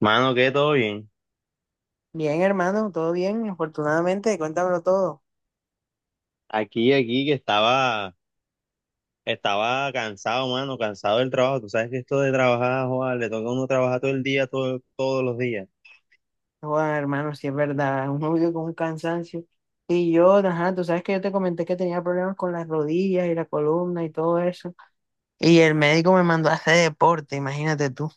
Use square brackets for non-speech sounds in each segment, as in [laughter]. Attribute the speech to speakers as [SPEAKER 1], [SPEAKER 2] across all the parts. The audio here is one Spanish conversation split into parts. [SPEAKER 1] Mano, que todo bien.
[SPEAKER 2] Bien, hermano, todo bien, afortunadamente, cuéntamelo todo.
[SPEAKER 1] Aquí, aquí, que estaba, estaba cansado, mano, cansado del trabajo. Tú sabes que esto de trabajar, joder, le toca a uno trabajar todo el día, todo, todos los días.
[SPEAKER 2] Bueno, hermano, sí es verdad, [laughs] uno vive con un cansancio. Y yo, ajá, tú sabes que yo te comenté que tenía problemas con las rodillas y la columna y todo eso. Y el médico me mandó a hacer deporte, imagínate tú.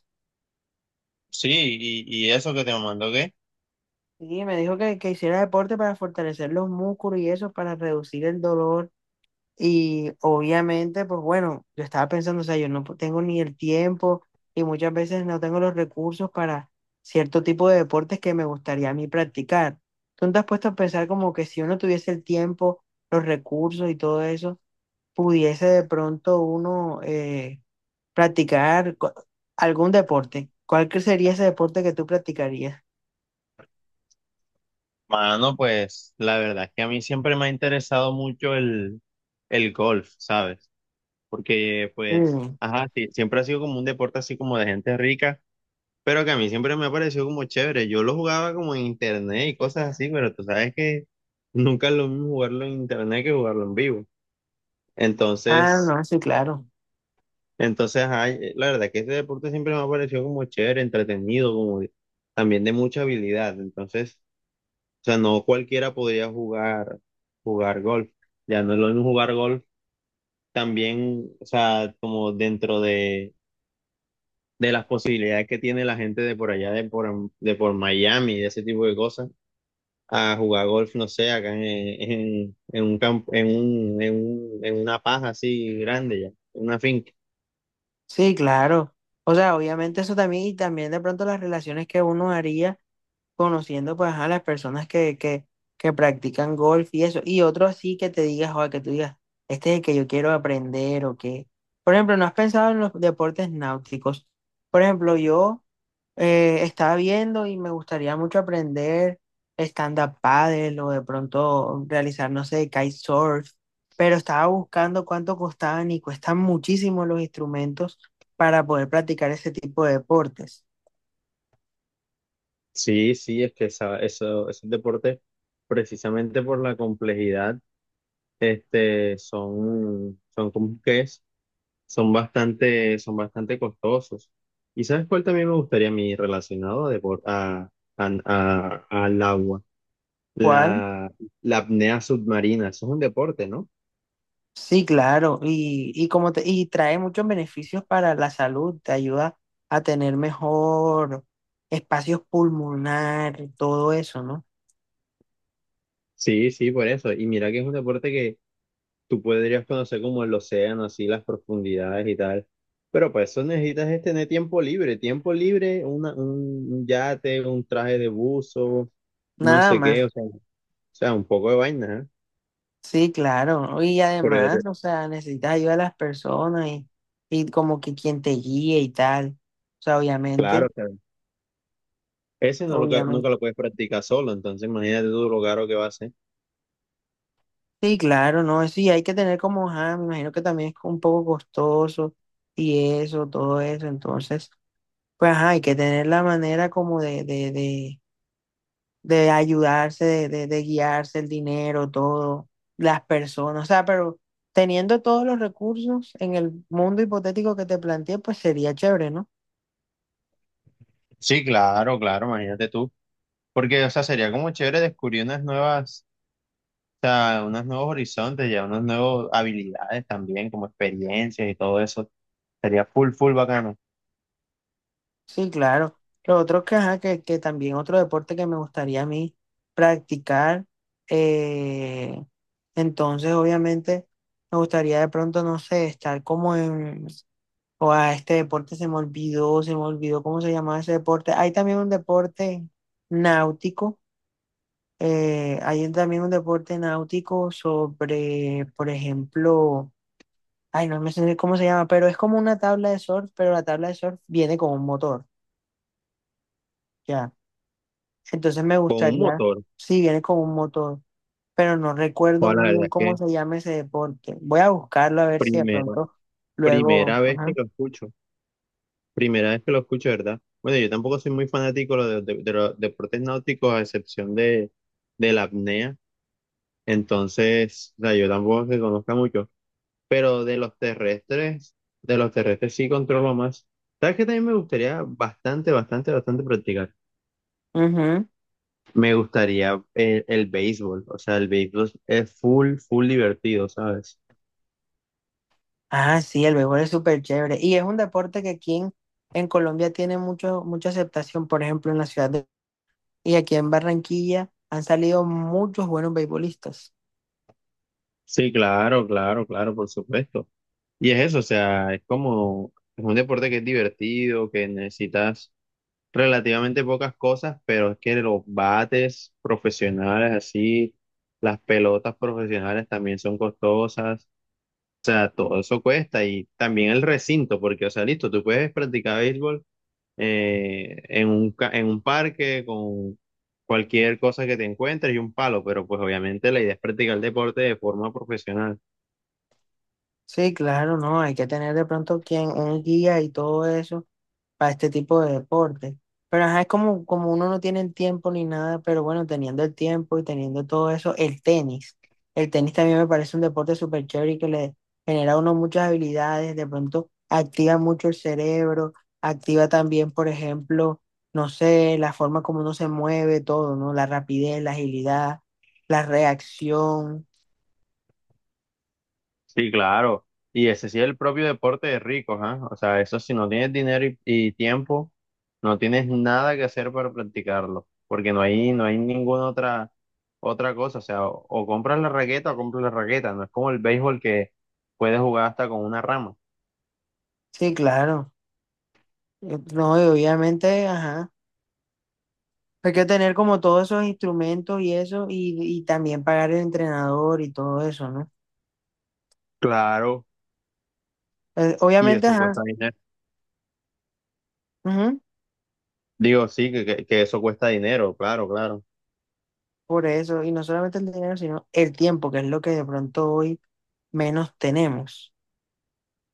[SPEAKER 1] Sí, y eso que te mandó, ¿qué?
[SPEAKER 2] Y me dijo que hiciera deporte para fortalecer los músculos y eso, para reducir el dolor. Y obviamente, pues bueno, yo estaba pensando, o sea, yo no tengo ni el tiempo y muchas veces no tengo los recursos para cierto tipo de deportes que me gustaría a mí practicar. ¿Tú no te has puesto a pensar como que si uno tuviese el tiempo, los recursos y todo eso, pudiese de pronto uno practicar algún deporte? ¿Cuál que sería ese deporte que tú practicarías?
[SPEAKER 1] Mano, pues la verdad es que a mí siempre me ha interesado mucho el golf, ¿sabes? Porque, pues,
[SPEAKER 2] Mm.
[SPEAKER 1] ajá, sí, siempre ha sido como un deporte así como de gente rica. Pero que a mí siempre me ha parecido como chévere. Yo lo jugaba como en internet y cosas así, pero tú sabes que [laughs] nunca es lo mismo jugarlo en internet que jugarlo en vivo.
[SPEAKER 2] Ah,
[SPEAKER 1] Entonces,
[SPEAKER 2] no, sí, claro.
[SPEAKER 1] la verdad que este deporte siempre me ha parecido como chévere, entretenido, también de mucha habilidad. Entonces, o sea, no cualquiera podría jugar, jugar golf. Ya no es lo mismo jugar golf también, o sea, como dentro de las posibilidades que tiene la gente de por allá, de por Miami, de ese tipo de cosas a jugar golf, no sé, acá en un campo, en una paja así grande ya, en una finca.
[SPEAKER 2] Sí, claro. O sea, obviamente eso también y también de pronto las relaciones que uno haría conociendo pues a las personas que practican golf y eso. Y otro así que te digas, o que tú digas, este es el que yo quiero aprender o que... Por ejemplo, ¿no has pensado en los deportes náuticos? Por ejemplo, yo estaba viendo y me gustaría mucho aprender stand-up paddle o de pronto realizar, no sé, kitesurf, pero estaba buscando cuánto costaban y cuestan muchísimo los instrumentos para poder practicar ese tipo de deportes.
[SPEAKER 1] Sí, sí, es que esos deportes, precisamente por la complejidad, este, son, son como que es, son bastante costosos. ¿Y sabes cuál también me gustaría a mí relacionado a, depor- a- al agua?
[SPEAKER 2] ¿Cuál?
[SPEAKER 1] La, la apnea submarina, eso es un deporte, ¿no?
[SPEAKER 2] Sí, claro, y como te, y trae muchos beneficios para la salud, te ayuda a tener mejor espacios pulmonar, todo eso, ¿no?
[SPEAKER 1] Sí, sí, por eso. Y mira que es un deporte tú podrías conocer como el océano, así las profundidades y tal. Pero para eso necesitas es tener tiempo libre, una, un yate, un traje de buzo, no
[SPEAKER 2] Nada
[SPEAKER 1] sé qué,
[SPEAKER 2] más,
[SPEAKER 1] o sea, un poco de vaina, ¿eh?
[SPEAKER 2] sí, claro, y
[SPEAKER 1] Por el-
[SPEAKER 2] además, o sea, necesitas ayuda de las personas y como que quien te guíe y tal, o sea,
[SPEAKER 1] claro,
[SPEAKER 2] obviamente,
[SPEAKER 1] o sea, ese no lo, ca- nunca
[SPEAKER 2] obviamente,
[SPEAKER 1] lo puedes practicar solo, entonces imagínate tú lo caro que va a ser.
[SPEAKER 2] sí, claro, ¿no? Sí, hay que tener como, ajá, me imagino que también es un poco costoso y eso, todo eso, entonces, pues, ajá, hay que tener la manera como de ayudarse, de guiarse, el dinero, todo, las personas, o sea, pero teniendo todos los recursos en el mundo hipotético que te planteé, pues sería chévere, ¿no?
[SPEAKER 1] Sí, claro, claro, imagínate tú. Porque, o sea, sería como chévere descubrir unas nuevas, o sea, unos nuevos horizontes, ya unas nuevas habilidades también, como experiencias y todo eso. Sería full, full bacano.
[SPEAKER 2] Sí, claro. Lo otro que, ajá, que también otro deporte que me gustaría a mí practicar, eh, entonces obviamente me gustaría de pronto, no sé, estar como en, o a este deporte se me olvidó cómo se llamaba ese deporte. Hay también un deporte náutico. Hay también un deporte náutico sobre, por ejemplo, ay, no me sé cómo se llama, pero es como una tabla de surf, pero la tabla de surf viene con un motor, ya. Entonces me
[SPEAKER 1] Con un
[SPEAKER 2] gustaría,
[SPEAKER 1] motor.
[SPEAKER 2] sí, viene con un motor, pero no recuerdo
[SPEAKER 1] O la
[SPEAKER 2] muy
[SPEAKER 1] verdad
[SPEAKER 2] bien
[SPEAKER 1] es que
[SPEAKER 2] cómo se llama ese deporte. Voy a buscarlo a ver si de
[SPEAKER 1] primera,
[SPEAKER 2] pronto luego,
[SPEAKER 1] primera vez que
[SPEAKER 2] ajá.
[SPEAKER 1] lo escucho. Primera vez que lo escucho, ¿verdad? Bueno, yo tampoco soy muy fanático de los deportes náuticos, a excepción de la apnea. Entonces, o sea, yo tampoco se conozca mucho. Pero de los terrestres sí controlo más. ¿Sabes qué también me gustaría bastante, bastante, bastante practicar?
[SPEAKER 2] Ujú.
[SPEAKER 1] Me gustaría el béisbol. O sea, el béisbol es full, full divertido, ¿sabes?
[SPEAKER 2] Ah, sí, el béisbol es súper chévere. Y es un deporte que aquí en Colombia tiene mucho, mucha aceptación, por ejemplo, en la ciudad de... Y aquí en Barranquilla han salido muchos buenos beisbolistas.
[SPEAKER 1] Sí, claro, claro, claro, por supuesto. Y es eso, o sea, es como, es un deporte que es divertido, que necesitas relativamente pocas cosas, pero es que los bates profesionales así, las pelotas profesionales también son costosas, o sea, todo eso cuesta y también el recinto, porque, o sea, listo, tú puedes practicar béisbol en un parque con cualquier cosa que te encuentres y un palo, pero pues obviamente la idea es practicar el deporte de forma profesional.
[SPEAKER 2] Sí, claro, no, hay que tener de pronto quien, un guía y todo eso, para este tipo de deporte. Pero ajá, es como, como uno no tiene el tiempo ni nada, pero bueno, teniendo el tiempo y teniendo todo eso, el tenis. El tenis también me parece un deporte súper chévere y que le genera a uno muchas habilidades, de pronto activa mucho el cerebro, activa también, por ejemplo, no sé, la forma como uno se mueve, todo, ¿no? La rapidez, la agilidad, la reacción.
[SPEAKER 1] Sí, claro. Y ese sí es el propio deporte de ricos, ¿ah? O sea, eso si no tienes dinero y tiempo, no tienes nada que hacer para practicarlo, porque no hay ninguna otra, otra cosa. O sea, o compras la raqueta o compras la raqueta. No es como el béisbol que puedes jugar hasta con una rama.
[SPEAKER 2] Sí, claro. No, y obviamente, ajá. Hay que tener como todos esos instrumentos y eso, y también pagar el entrenador y todo eso, ¿no?
[SPEAKER 1] Claro, y
[SPEAKER 2] Obviamente,
[SPEAKER 1] eso
[SPEAKER 2] ajá,
[SPEAKER 1] cuesta dinero.
[SPEAKER 2] ujú,
[SPEAKER 1] Digo, sí, que eso cuesta dinero, claro, claro.
[SPEAKER 2] por eso, y no solamente el dinero, sino el tiempo, que es lo que de pronto hoy menos tenemos.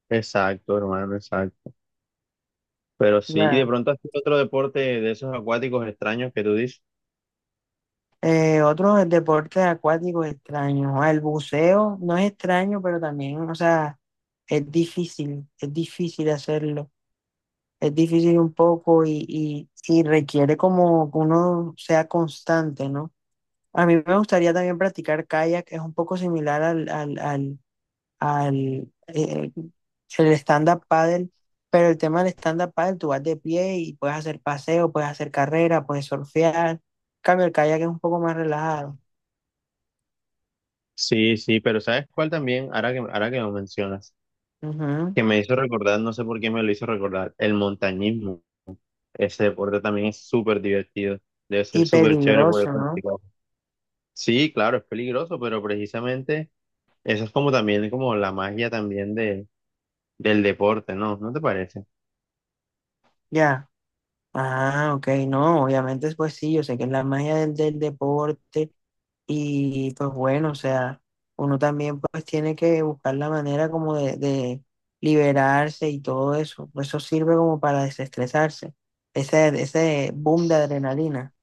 [SPEAKER 1] Exacto, hermano, exacto. Pero sí, y de
[SPEAKER 2] Ya.
[SPEAKER 1] pronto has hecho otro deporte de esos acuáticos extraños que tú dices.
[SPEAKER 2] Otros deportes acuáticos extraños, ah, el buceo no es extraño, pero también, o sea, es difícil hacerlo, es difícil un poco y requiere como que uno sea constante, ¿no? A mí me gustaría también practicar kayak, es un poco similar al el stand-up paddle, pero el tema del stand-up paddle, tú vas de pie y puedes hacer paseo, puedes hacer carrera, puedes surfear. En cambio, el kayak es un poco más relajado.
[SPEAKER 1] Sí, sí, pero ¿sabes cuál también? Ahora que lo mencionas,
[SPEAKER 2] Ujú.
[SPEAKER 1] que me hizo recordar, no sé por qué me lo hizo recordar, el montañismo. Ese deporte también es súper divertido. Debe ser
[SPEAKER 2] Y
[SPEAKER 1] súper chévere poder
[SPEAKER 2] peligroso, ¿no?
[SPEAKER 1] practicar. Sí, claro, es peligroso, pero precisamente eso es como también como la magia también de, del deporte, ¿no? ¿No te parece?
[SPEAKER 2] Ya. Ah, ok, no, obviamente, pues sí, yo sé que es la magia del deporte. Y pues bueno, o sea, uno también pues tiene que buscar la manera como de liberarse y todo eso. Eso sirve como para desestresarse. Ese boom de adrenalina,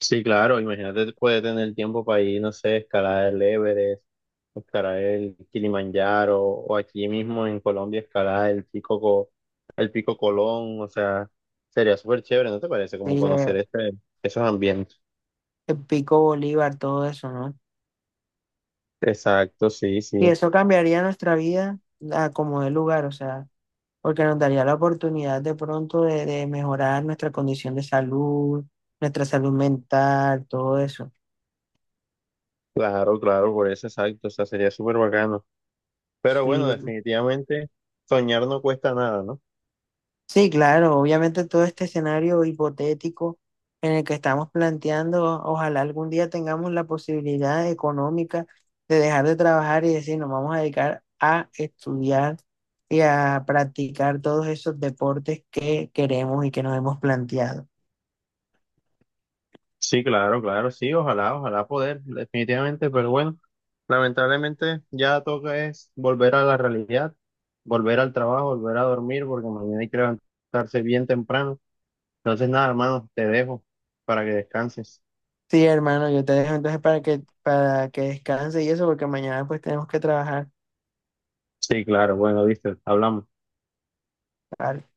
[SPEAKER 1] Sí, claro, imagínate, puede tener tiempo para ir, no sé, escalar el Everest, o escalar el Kilimanjaro, o aquí mismo en Colombia escalar el Pico Colón, o sea, sería súper chévere, ¿no te parece? Como
[SPEAKER 2] sí,
[SPEAKER 1] conocer esos ambientes.
[SPEAKER 2] el pico Bolívar, todo eso, ¿no?
[SPEAKER 1] Exacto, sí,
[SPEAKER 2] Y
[SPEAKER 1] sí,
[SPEAKER 2] eso cambiaría nuestra vida a como de lugar, o sea, porque nos daría la oportunidad de pronto de mejorar nuestra condición de salud, nuestra salud mental, todo eso.
[SPEAKER 1] claro, claro, por eso, exacto, o sea, sería súper bacano. Pero
[SPEAKER 2] Sí.
[SPEAKER 1] bueno, definitivamente soñar no cuesta nada, ¿no?
[SPEAKER 2] Sí, claro, obviamente todo este escenario hipotético en el que estamos planteando, ojalá algún día tengamos la posibilidad económica de dejar de trabajar y decir, nos vamos a dedicar a estudiar y a practicar todos esos deportes que queremos y que nos hemos planteado.
[SPEAKER 1] Sí, claro, claro, sí, ojalá, ojalá poder, definitivamente, pero bueno, lamentablemente ya toca es volver a la realidad, volver al trabajo, volver a dormir, porque mañana hay que levantarse bien temprano. Entonces, nada, hermano, te dejo para que descanses.
[SPEAKER 2] Sí, hermano, yo te dejo entonces para que descanse y eso, porque mañana pues tenemos que trabajar.
[SPEAKER 1] Sí, claro, bueno, viste, hablamos.
[SPEAKER 2] ¿Vale?